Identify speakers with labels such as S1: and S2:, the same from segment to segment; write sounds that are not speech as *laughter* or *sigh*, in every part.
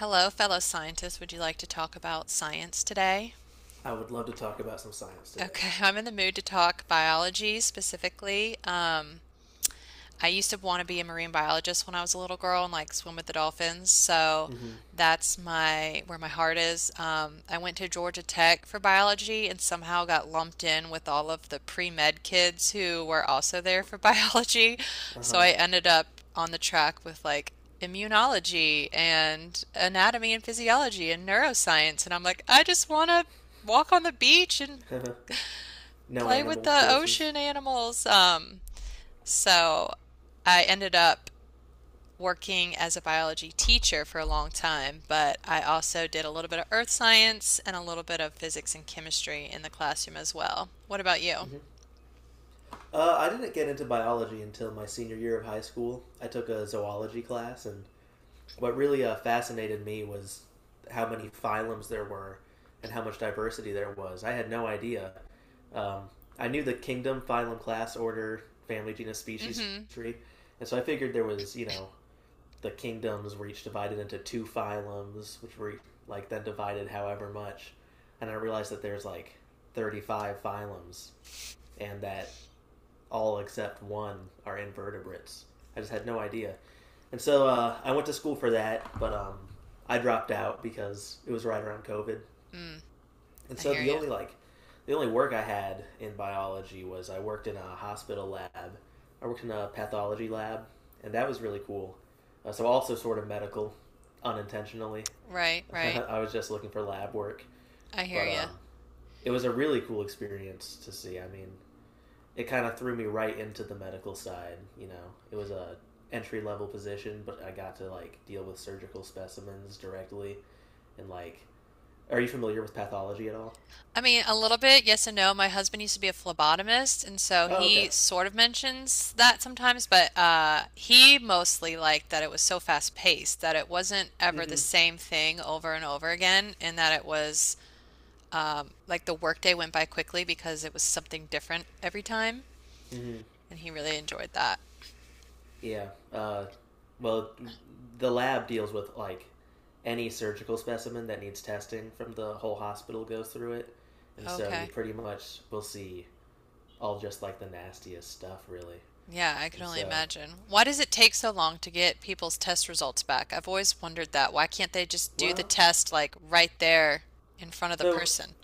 S1: Hello, fellow scientists. Would you like to talk about science today?
S2: I would love to talk about some science today.
S1: Okay, *laughs* I'm in the mood to talk biology specifically. I used to want to be a marine biologist when I was a little girl and like swim with the dolphins. So
S2: Mm-hmm.
S1: that's my where my heart is. I went to Georgia Tech for biology and somehow got lumped in with all of the pre-med kids who were also there for *laughs* biology.
S2: Uh
S1: So
S2: huh.
S1: I ended up on the track with like immunology and anatomy and physiology and neuroscience. And I'm like, I just want to walk on the beach and
S2: *laughs* No
S1: play with
S2: animal
S1: the
S2: courses.
S1: ocean animals. So I ended up working as a biology teacher for a long time, but I also did a little bit of earth science and a little bit of physics and chemistry in the classroom as well. What about you?
S2: Mm-hmm. I didn't get into biology until my senior year of high school. I took a zoology class, and what really fascinated me was how many phylums there were and how much diversity there was. I had no idea. Um, I knew the kingdom, phylum, class, order, family, genus, species
S1: Mm-hmm.
S2: tree, and so I figured there was, you know, the kingdoms were each divided into two phylums, which were like then divided however much. And I realized that there's like 35 phylums, and that all except one are invertebrates. I just had no idea. And so I went to school for that, but I dropped out because it was right around COVID.
S1: Mm,
S2: And
S1: I
S2: so
S1: hear you.
S2: the only work I had in biology was I worked in a hospital lab. I worked in a pathology lab, and that was really cool. So also sort of medical, unintentionally.
S1: Right,
S2: *laughs*
S1: right.
S2: I was just looking for lab work,
S1: I hear
S2: but
S1: you.
S2: it was a really cool experience to see. I mean, it kind of threw me right into the medical side. You know, it was a entry level position, but I got to like deal with surgical specimens directly. And like, are you familiar with pathology at all?
S1: I mean, a little bit, yes and no. My husband used to be a phlebotomist, and so
S2: Oh, okay.
S1: he sort of mentions that sometimes, but he mostly liked that it was so fast paced that it wasn't ever the
S2: Mm-hmm.
S1: same thing over and over again, and that it was like the workday went by quickly because it was something different every time,
S2: Mm-hmm.
S1: and he really enjoyed that.
S2: Yeah. Uh, well, the lab deals with like any surgical specimen that needs testing from the whole hospital goes through it, and so you
S1: Okay.
S2: pretty much will see all just like the nastiest stuff, really.
S1: Yeah, I
S2: And
S1: can only imagine. Why does it take so long to get people's test results back? I've always wondered that. Why can't they just do the
S2: well,
S1: test like right there in front of the
S2: so
S1: person?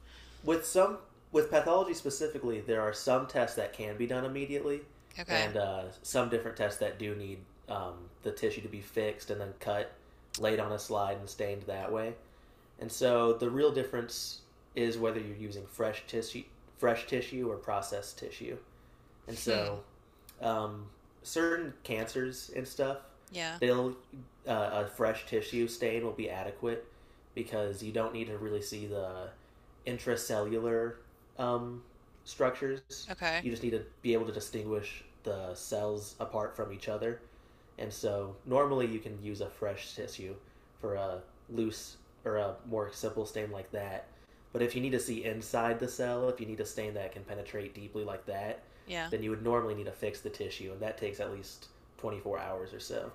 S2: with some with pathology specifically, there are some tests that can be done immediately, and
S1: Okay.
S2: some different tests that do need um, the tissue to be fixed and then cut, laid on a slide and stained that way. And so the real difference is whether you're using fresh tissue or processed tissue. And
S1: Hmm.
S2: so um, certain cancers and stuff,
S1: Yeah.
S2: they'll a fresh tissue stain will be adequate because you don't need to really see the intracellular um, structures.
S1: Okay.
S2: You just need to be able to distinguish the cells apart from each other. And so normally you can use a fresh tissue for a loose or a more simple stain like that. But if you need to see inside the cell, if you need a stain that can penetrate deeply like that,
S1: Yeah.
S2: then you would normally need to fix the tissue, and that takes at least 24 hours or so.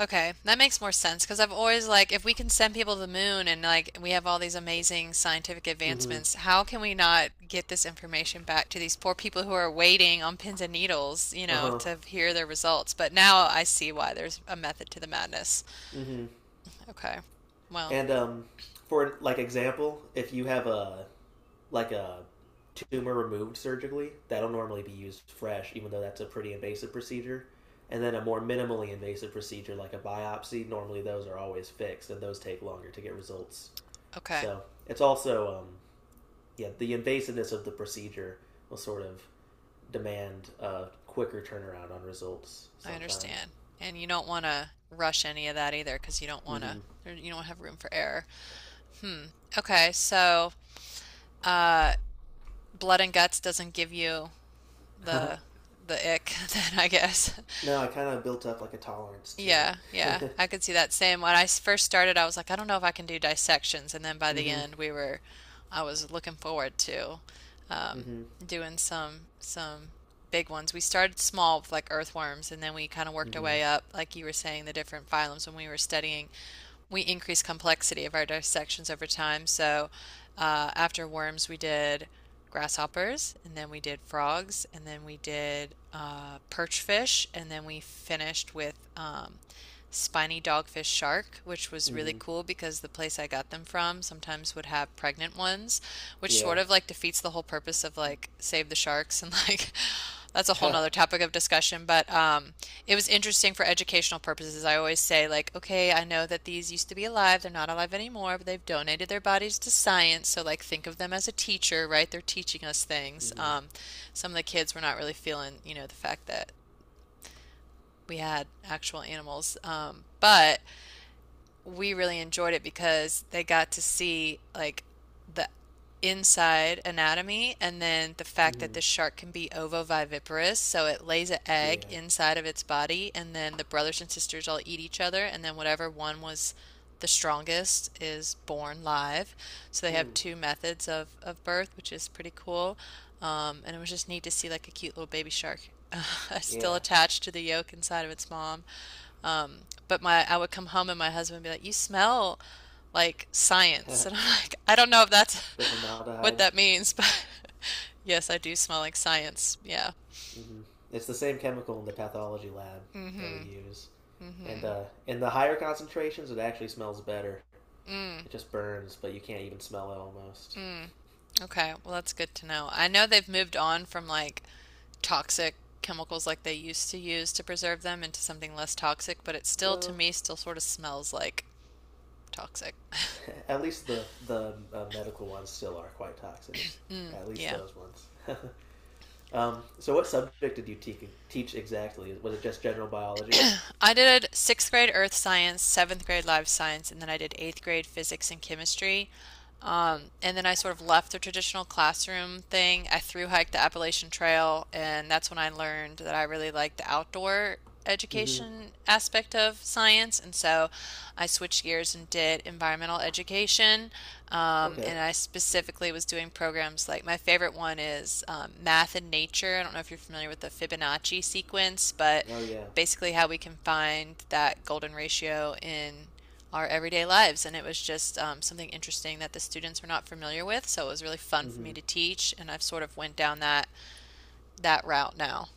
S1: Okay, that makes more sense because I've always like, if we can send people to the moon and like we have all these amazing scientific
S2: Mm-hmm.
S1: advancements, how can we not get this information back to these poor people who are waiting on pins and needles, you
S2: Uh
S1: know,
S2: huh.
S1: to hear their results? But now I see why there's a method to the madness.
S2: Mm hmm.
S1: Okay, well,
S2: And For like example, if you have a like a tumor removed surgically. That'll normally be used fresh, even though that's a pretty invasive procedure. And then a more minimally invasive procedure like a biopsy, normally those are always fixed and those take longer to get results.
S1: okay,
S2: So it's also, yeah, the invasiveness of the procedure will sort of demand a quicker turnaround on results
S1: I
S2: sometimes.
S1: understand. And you don't want to rush any of that either because
S2: Mm-hmm.
S1: you don't have room for error. Hmm. Okay, so uh, blood and guts doesn't give you the
S2: *laughs*
S1: the ick *laughs* then I guess. *laughs*
S2: No, I kind of built up like a tolerance to
S1: Yeah, yeah.
S2: it.
S1: I could see that same. When I first started, I was like, I don't know if I can do dissections, and then by
S2: *laughs*
S1: the
S2: Mm-hmm.
S1: end, I was looking forward to um,
S2: Mm-hmm.
S1: doing some big ones. We started small with like earthworms, and then we kind of worked our
S2: Mm-hmm.
S1: way up, like you were saying, the different phylums when we were studying we increase complexity of our dissections over time. So after worms, we did grasshoppers, and then we did frogs, and then we did perch fish, and then we finished with spiny dogfish shark, which was really
S2: Mm-hmm.
S1: cool because the place I got them from sometimes would have pregnant ones, which
S2: Yeah.
S1: sort of like defeats the whole purpose of like save the sharks and like *laughs* that's a
S2: *laughs*
S1: whole
S2: Mm-hmm.
S1: nother topic of discussion. But it was interesting for educational purposes. I always say like, okay, I know that these used to be alive, they're not alive anymore, but they've donated their bodies to science, so like think of them as a teacher, right? They're teaching us things. Some of the kids were not really feeling, you know, the fact that we had actual animals. But we really enjoyed it because they got to see like the inside anatomy and then the fact that
S2: Mm-hmm.
S1: the shark can be ovoviviparous, so it lays an
S2: Yeah.
S1: egg inside of its body and then the brothers and sisters all eat each other and then whatever one was the strongest is born live. So they
S2: Mm.
S1: have two methods of birth, which is pretty cool. And it was just neat to see like a cute little baby shark *laughs* still
S2: Yeah.
S1: attached to the yolk inside of its mom. Um, but my I would come home and my husband would be like, "You smell like science." *laughs* And I'm
S2: *laughs*
S1: like, "I don't know if that's
S2: The
S1: *laughs* what
S2: formaldehyde.
S1: that means, but *laughs* yes, I do smell like science." Yeah.
S2: Hmm. It's the same chemical in the pathology lab that we
S1: Mm-hmm.
S2: use. And
S1: Mm-hmm.
S2: in the higher concentrations, it actually smells better.
S1: Mm.
S2: It just burns, but you can't even smell it almost.
S1: Mm. Okay. Well, that's good to know. I know they've moved on from like toxic chemicals like they used to use to preserve them into something less toxic, but it still to
S2: Well,
S1: me still sort of smells like toxic. *laughs*
S2: *laughs* at least the medical ones still are quite toxic. At least
S1: Yeah.
S2: those ones. *laughs* So, what subject did teach exactly? Was it just general biology?
S1: I did sixth grade earth science, seventh grade life science, and then I did eighth grade physics and chemistry. And then I sort of left the traditional classroom thing. I thru hiked the Appalachian Trail, and that's when I learned that I really liked the outdoor
S2: Mm-hmm.
S1: education aspect of science. And so I switched gears and did environmental education.
S2: Okay.
S1: And I specifically was doing programs like my favorite one is math and nature. I don't know if you're familiar with the Fibonacci sequence, but
S2: Oh yeah.
S1: basically how we can find that golden ratio in our everyday lives. And it was just something interesting that the students were not familiar with. So it was really fun for me
S2: Hmm.
S1: to teach, and I've sort of went down that route now.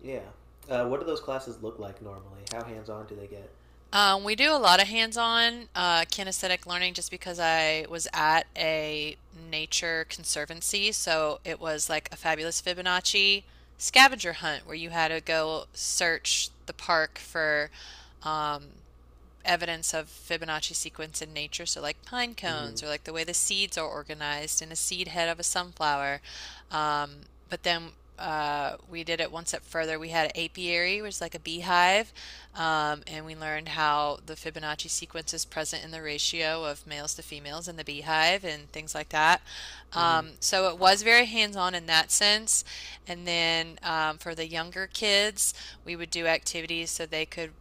S2: Yeah. What do those classes look like normally? How hands on do they get?
S1: We do a lot of hands-on kinesthetic learning just because I was at a nature conservancy, so it was like a fabulous Fibonacci scavenger hunt where you had to go search the park for um, evidence of Fibonacci sequence in nature. So, like pine
S2: Mm hmm.
S1: cones, or like the way the seeds are organized in a seed head of a sunflower. Um, but then we did it one step further. We had an apiary, which is like a beehive, and we learned how the Fibonacci sequence is present in the ratio of males to females in the beehive and things like that.
S2: Mm
S1: So it was very hands on in that sense. And then for the younger kids, we would do activities so they could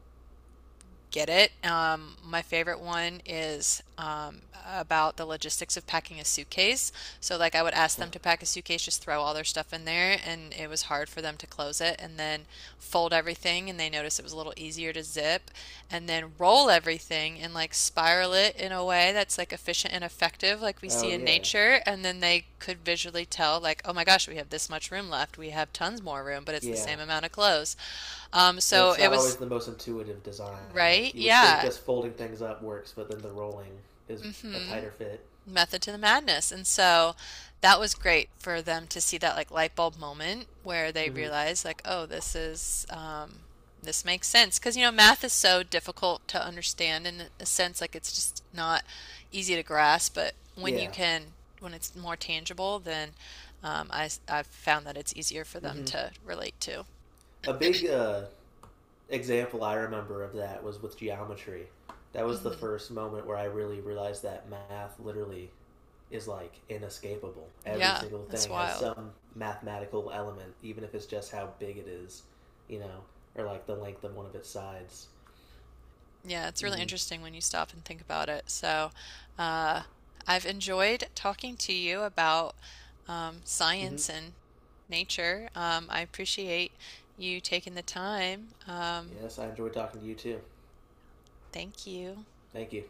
S1: get it. My favorite one is about the logistics of packing a suitcase. So, like, I would ask
S2: hmm.
S1: them to pack a suitcase, just throw all their stuff in there, and it was hard for them to close it, and then fold everything, and they noticed it was a little easier to zip, and then roll everything and like spiral it in a way that's like efficient and effective, like we
S2: *laughs* Oh,
S1: see in
S2: yeah.
S1: nature, and then they could visually tell, like, oh my gosh, we have this much room left, we have tons more room, but it's the
S2: Yeah.
S1: same amount of clothes.
S2: And
S1: So
S2: it's not
S1: it
S2: always
S1: was.
S2: the most intuitive design.
S1: Right?
S2: Like, you would think
S1: Yeah.
S2: just folding things up works, but then the rolling is a
S1: hmm
S2: tighter fit.
S1: Method to the madness. And so that was great for them to see that like light bulb moment where they
S2: Mm hmm.
S1: realize like, oh, this is this makes sense. Because you know, math is so difficult to understand in a sense, like it's just not easy to grasp, but when you
S2: Yeah.
S1: can when it's more tangible, then I've found that it's easier for them
S2: Mm-hmm.
S1: to relate to.
S2: A big example I remember of that was with geometry. That was the
S1: Hmm
S2: first moment where I really realized that math literally is like inescapable. Every
S1: Yeah,
S2: single
S1: that's
S2: thing has
S1: wild.
S2: some mathematical element, even if it's just how big it is, you know, or like the length of one of its sides.
S1: Yeah, it's really
S2: Mm-hmm.
S1: interesting when you stop and think about it. So, uh, I've enjoyed talking to you about
S2: Mm-hmm.
S1: science and nature. I appreciate you taking the time.
S2: Yes, I enjoyed talking to you too.
S1: Thank you.
S2: Thank you.